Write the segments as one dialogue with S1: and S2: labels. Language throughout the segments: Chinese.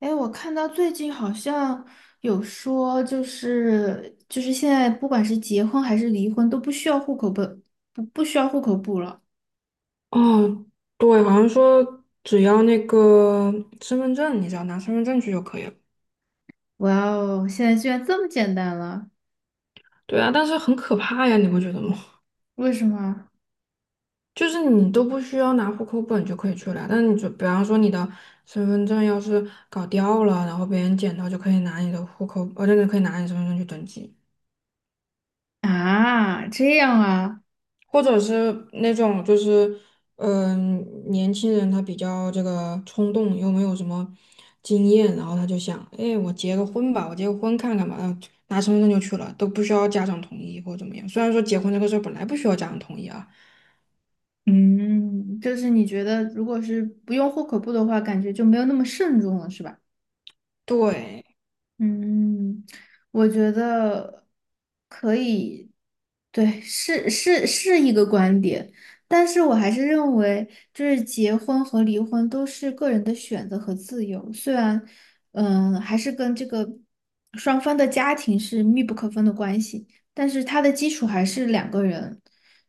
S1: 哎，我看到最近好像有说，就是现在不管是结婚还是离婚都不需要户口本，不需要户口簿了。
S2: 哦，对，好像说只要那个身份证，你只要拿身份证去就可以了。
S1: 哇哦，现在居然这么简单了，
S2: 对啊，但是很可怕呀，你不觉得吗？
S1: 为什么？
S2: 就是你都不需要拿户口本就可以去了，但你就比方说你的身份证要是搞掉了，然后别人捡到就可以拿你的户口，可以拿你身份证去登记。
S1: 啊，这样啊。
S2: 或者是那种就是，嗯、年轻人他比较这个冲动，又没有什么经验，然后他就想，哎，我结个婚吧，我结个婚看看吧，然后拿身份证就去了，都不需要家长同意或者怎么样。虽然说结婚这个事儿本来不需要家长同意啊，
S1: 嗯，就是你觉得如果是不用户口簿的话，感觉就没有那么慎重了，是吧？
S2: 对，
S1: 嗯，我觉得可以，对，是一个观点，但是我还是认为，就是结婚和离婚都是个人的选择和自由，虽然，嗯，还是跟这个双方的家庭是密不可分的关系，但是它的基础还是两个人，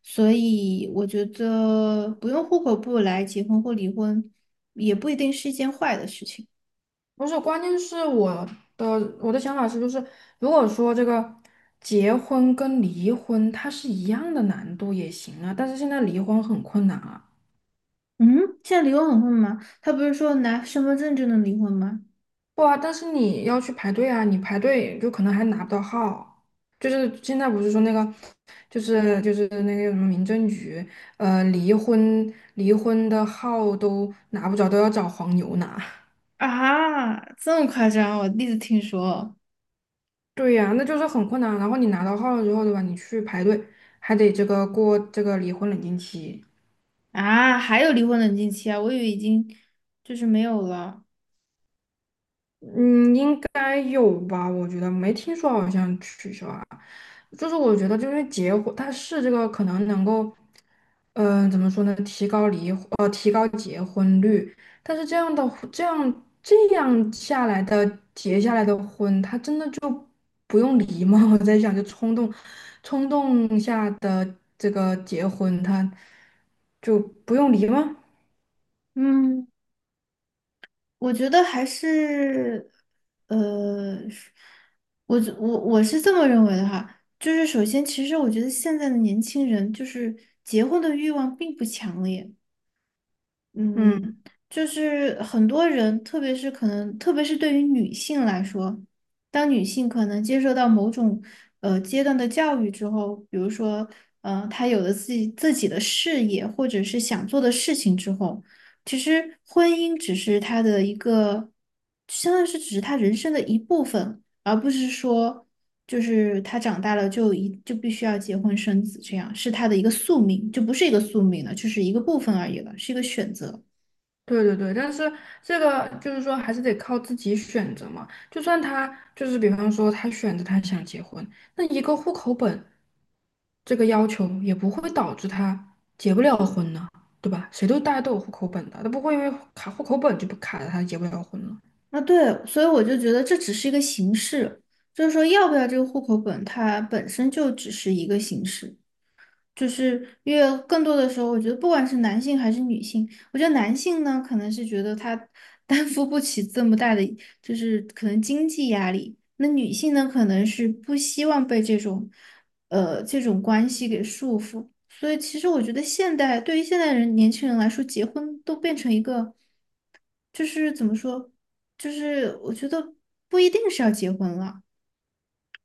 S1: 所以我觉得不用户口簿来结婚或离婚，也不一定是一件坏的事情。
S2: 不是，关键是的我的想法是，就是如果说这个结婚跟离婚它是一样的难度也行啊，但是现在离婚很困难啊。
S1: 嗯，现在离婚很混吗？他不是说拿身份证就能离婚吗？
S2: 不啊，但是你要去排队啊，你排队就可能还拿不到号。就是现在不是说那个，就是那个什么民政局，离婚的号都拿不着，都要找黄牛拿。
S1: 啊，这么夸张？我第一次听说。
S2: 对呀，那就是很困难。然后你拿到号了之后，对吧？你去排队，还得这个过这个离婚冷静期。
S1: 啊，还有离婚冷静期啊，我以为已经就是没有了。
S2: 嗯，应该有吧？我觉得没听说好像取消啊。就是我觉得，就是结婚，它是这个可能能够，怎么说呢？提高离婚，但是这样的婚这样下来的结下来的婚，他真的就不用离吗？我在想，就冲动下的这个结婚，他就不用离吗？
S1: 嗯，我觉得还是，是我觉我是这么认为的哈。就是首先，其实我觉得现在的年轻人就是结婚的欲望并不强烈。
S2: 嗯。
S1: 嗯，就是很多人，特别是可能，特别是对于女性来说，当女性可能接受到某种阶段的教育之后，比如说，她有了自己的事业或者是想做的事情之后，其实婚姻只是她的一个，相当于是只是她人生的一部分，而不是说就是他长大了就必须要结婚生子，这样是他的一个宿命，就不是一个宿命了，就是一个部分而已了，是一个选择。
S2: 对对对，但是这个就是说，还是得靠自己选择嘛。就算他就是，比方说他选择他想结婚，那一个户口本这个要求也不会导致他结不了婚呢，对吧？谁都大家都有户口本的，他不会因为卡户口本就不卡着他结不了婚了。
S1: 那对，所以我就觉得这只是一个形式，就是说要不要这个户口本，它本身就只是一个形式。就是因为更多的时候，我觉得不管是男性还是女性，我觉得男性呢，可能是觉得他 担负不起这么大的，就是可能经济压力；那女性呢，可能是不希望被这种，这种关系给束缚。所以，其实我觉得现代对于现代人年轻人来说，结婚都变成一个，就是怎么说，就是我觉得不一定是要结婚了。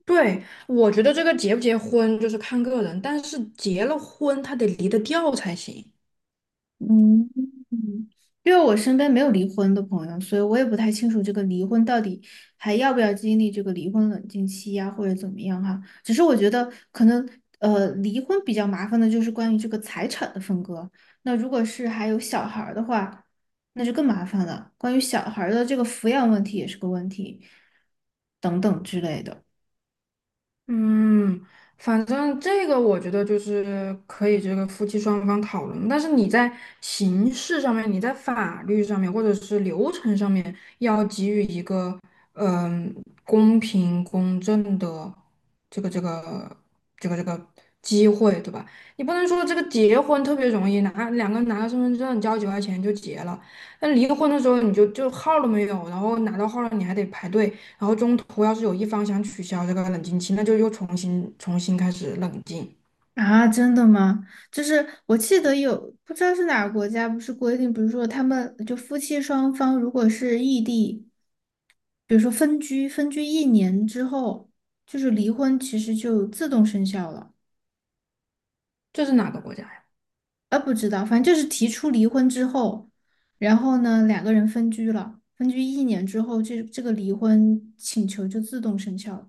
S2: 对，我觉得这个结不结婚就是看个人，但是结了婚他得离得掉才行。
S1: 嗯，嗯因为我身边没有离婚的朋友，所以我也不太清楚这个离婚到底还要不要经历这个离婚冷静期呀、或者怎么样哈。只是我觉得可能离婚比较麻烦的就是关于这个财产的分割。那如果是还有小孩儿的话，那就更麻烦了。关于小孩儿的这个抚养问题也是个问题，等等之类的。
S2: 嗯，反正这个我觉得就是可以这个夫妻双方讨论，但是你在形式上面，你在法律上面，或者是流程上面，要给予一个嗯、公平公正的这个这个这个机会，对吧？你不能说这个结婚特别容易拿两个人拿个身份证交几块钱就结了，那离婚的时候你就号儿都没有，然后拿到号儿了你还得排队。然后中途要是有一方想取消这个冷静期，那就又重新开始冷静。
S1: 啊，真的吗？就是我记得有，不知道是哪个国家，不是规定，比如说他们就夫妻双方如果是异地，比如说分居，分居一年之后，就是离婚其实就自动生效了。
S2: 这是哪个国家呀？
S1: 啊，不知道，反正就是提出离婚之后，然后呢，两个人分居了，分居一年之后，这个离婚请求就自动生效了。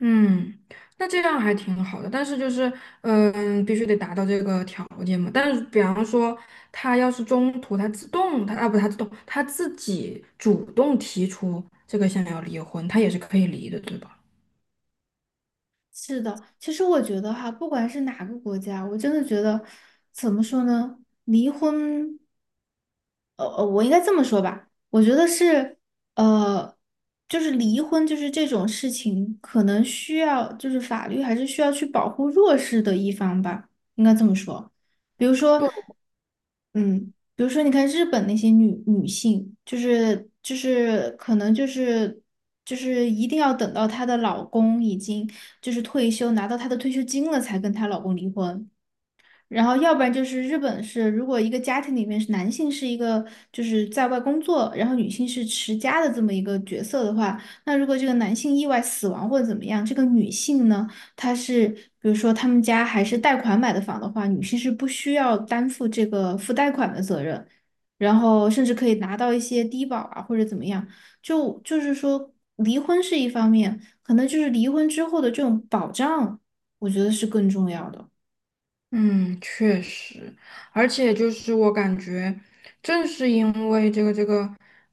S2: 嗯，那这样还挺好的，但是就是，嗯，必须得达到这个条件嘛。但是，比方说，他要是中途他自动，他啊不，他自动，他自己主动提出这个想要离婚，他也是可以离的，对吧？
S1: 是的，其实我觉得哈，不管是哪个国家，我真的觉得怎么说呢，离婚。我应该这么说吧，我觉得是，呃，就是离婚就是这种事情，可能需要就是法律还是需要去保护弱势的一方吧，应该这么说。比如说，嗯，比如说你看日本那些女性，就是可能就是就是一定要等到她的老公已经就是退休拿到她的退休金了，才跟她老公离婚。然后要不然就是日本是，如果一个家庭里面是男性是一个就是在外工作，然后女性是持家的这么一个角色的话，那如果这个男性意外死亡或者怎么样，这个女性呢，她是比如说他们家还是贷款买的房的话，女性是不需要担负这个付贷款的责任，然后甚至可以拿到一些低保啊或者怎么样，就是说离婚是一方面，可能就是离婚之后的这种保障，我觉得是更重要的。
S2: 嗯，确实，而且就是我感觉，正是因为这个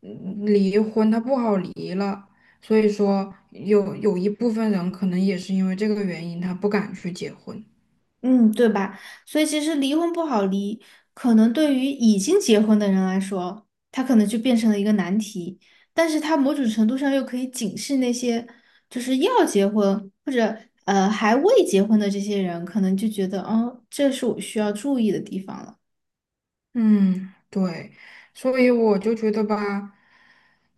S2: 离婚，它不好离了，所以说有一部分人可能也是因为这个原因，他不敢去结婚。
S1: 嗯，对吧？所以其实离婚不好离，可能对于已经结婚的人来说，他可能就变成了一个难题，但是他某种程度上又可以警示那些就是要结婚或者还未结婚的这些人，可能就觉得哦，这是我需要注意的地方了。
S2: 嗯，对，所以我就觉得吧，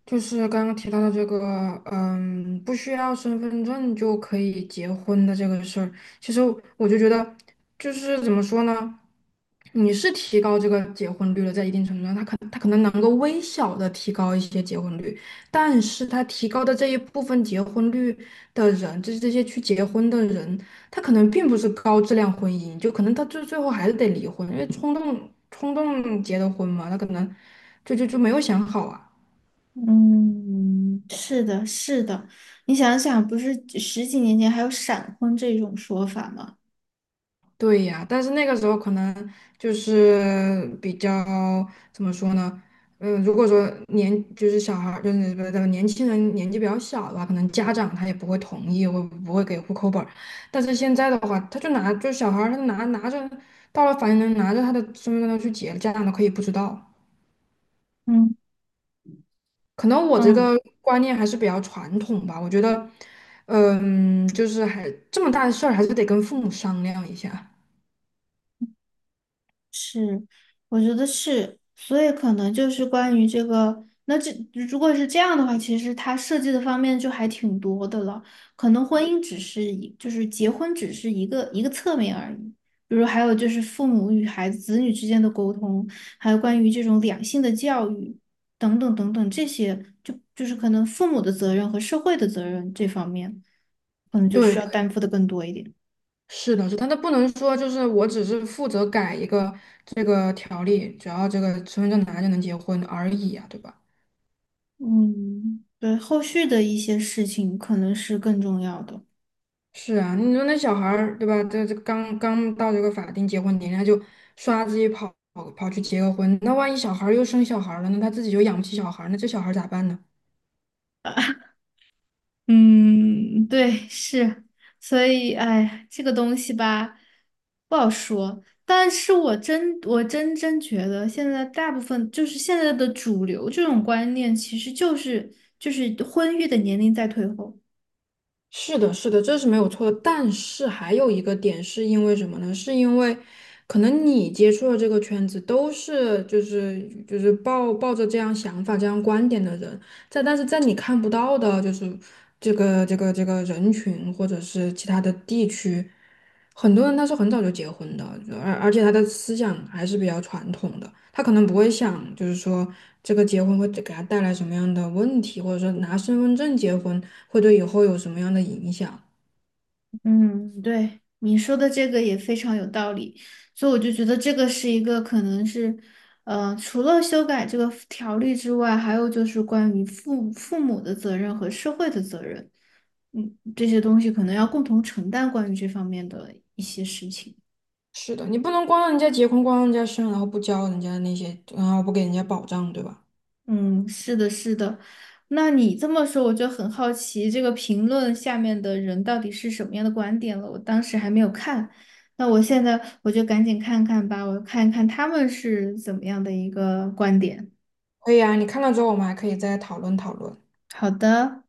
S2: 就是刚刚提到的这个，嗯，不需要身份证就可以结婚的这个事儿，其实我就觉得，就是怎么说呢，你是提高这个结婚率了，在一定程度上，它可能能够微小的提高一些结婚率，但是它提高的这一部分结婚率的人，就是这些去结婚的人。他可能并不是高质量婚姻，就可能他最最后还是得离婚，因为冲动结的婚嘛，他可能就没有想好啊。
S1: 嗯，是的，是的，你想想，不是十几年前还有闪婚这种说法吗？
S2: 对呀，但是那个时候可能就是比较怎么说呢？嗯，如果说年就是小孩儿就是不是年轻人年纪比较小的话，可能家长他也不会同意，会不会给户口本儿。但是现在的话，他就拿就小孩儿他拿着到了法院，拿着他的身份证去结，家长都可以不知道。
S1: 嗯
S2: 可能我这个
S1: 嗯。
S2: 观念还是比较传统吧，我觉得，嗯，就是还这么大的事儿，还是得跟父母商量一下。
S1: 是，我觉得是，所以可能就是关于这个，那这如果是这样的话，其实它设计的方面就还挺多的了。可能婚姻只是一，就是结婚只是一个侧面而已。比如还有就是父母与孩子、子女之间的沟通，还有关于这种两性的教育等等等等这些，就是可能父母的责任和社会的责任这方面，可能就
S2: 对，
S1: 需要
S2: 对
S1: 担负的更多一点。
S2: 是的，是的，但他不能说就是我只是负责改一个这个条例，只要这个身份证拿就能结婚而已啊，对吧？
S1: 嗯，对，后续的一些事情可能是更重要的。
S2: 是啊，你说那小孩儿对吧？这刚刚到这个法定结婚年龄，他就刷自己跑去结个婚，那万一小孩儿又生小孩儿了呢？他自己又养不起小孩儿，那这小孩儿咋办呢？
S1: 嗯，对，是，所以，哎，这个东西吧，不好说。但是我真，我真真觉得，现在大部分就是现在的主流这种观念，其实就是婚育的年龄在退后。
S2: 是的，是的，这是没有错的。但是还有一个点是因为什么呢？是因为可能你接触的这个圈子都是就是抱着这样想法、这样观点的人，但是在你看不到的，就是这个人群或者是其他的地区，很多人他是很早就结婚的，而且他的思想还是比较传统的，他可能不会想就是说这个结婚会给他带来什么样的问题，或者说拿身份证结婚会对以后有什么样的影响。
S1: 嗯，对，你说的这个也非常有道理，所以我就觉得这个是一个可能是，除了修改这个条例之外，还有就是关于父母的责任和社会的责任，嗯，这些东西可能要共同承担关于这方面的一些事情。
S2: 是的，你不能光让人家结婚，光让人家生，然后不教人家那些，然后不给人家保障，对吧？
S1: 嗯，是的，是的。那你这么说，我就很好奇，这个评论下面的人到底是什么样的观点了？我当时还没有看，那我现在我就赶紧看看吧，我看一看他们是怎么样的一个观点。
S2: 可以啊，你看了之后，我们还可以再讨论讨论。
S1: 好的。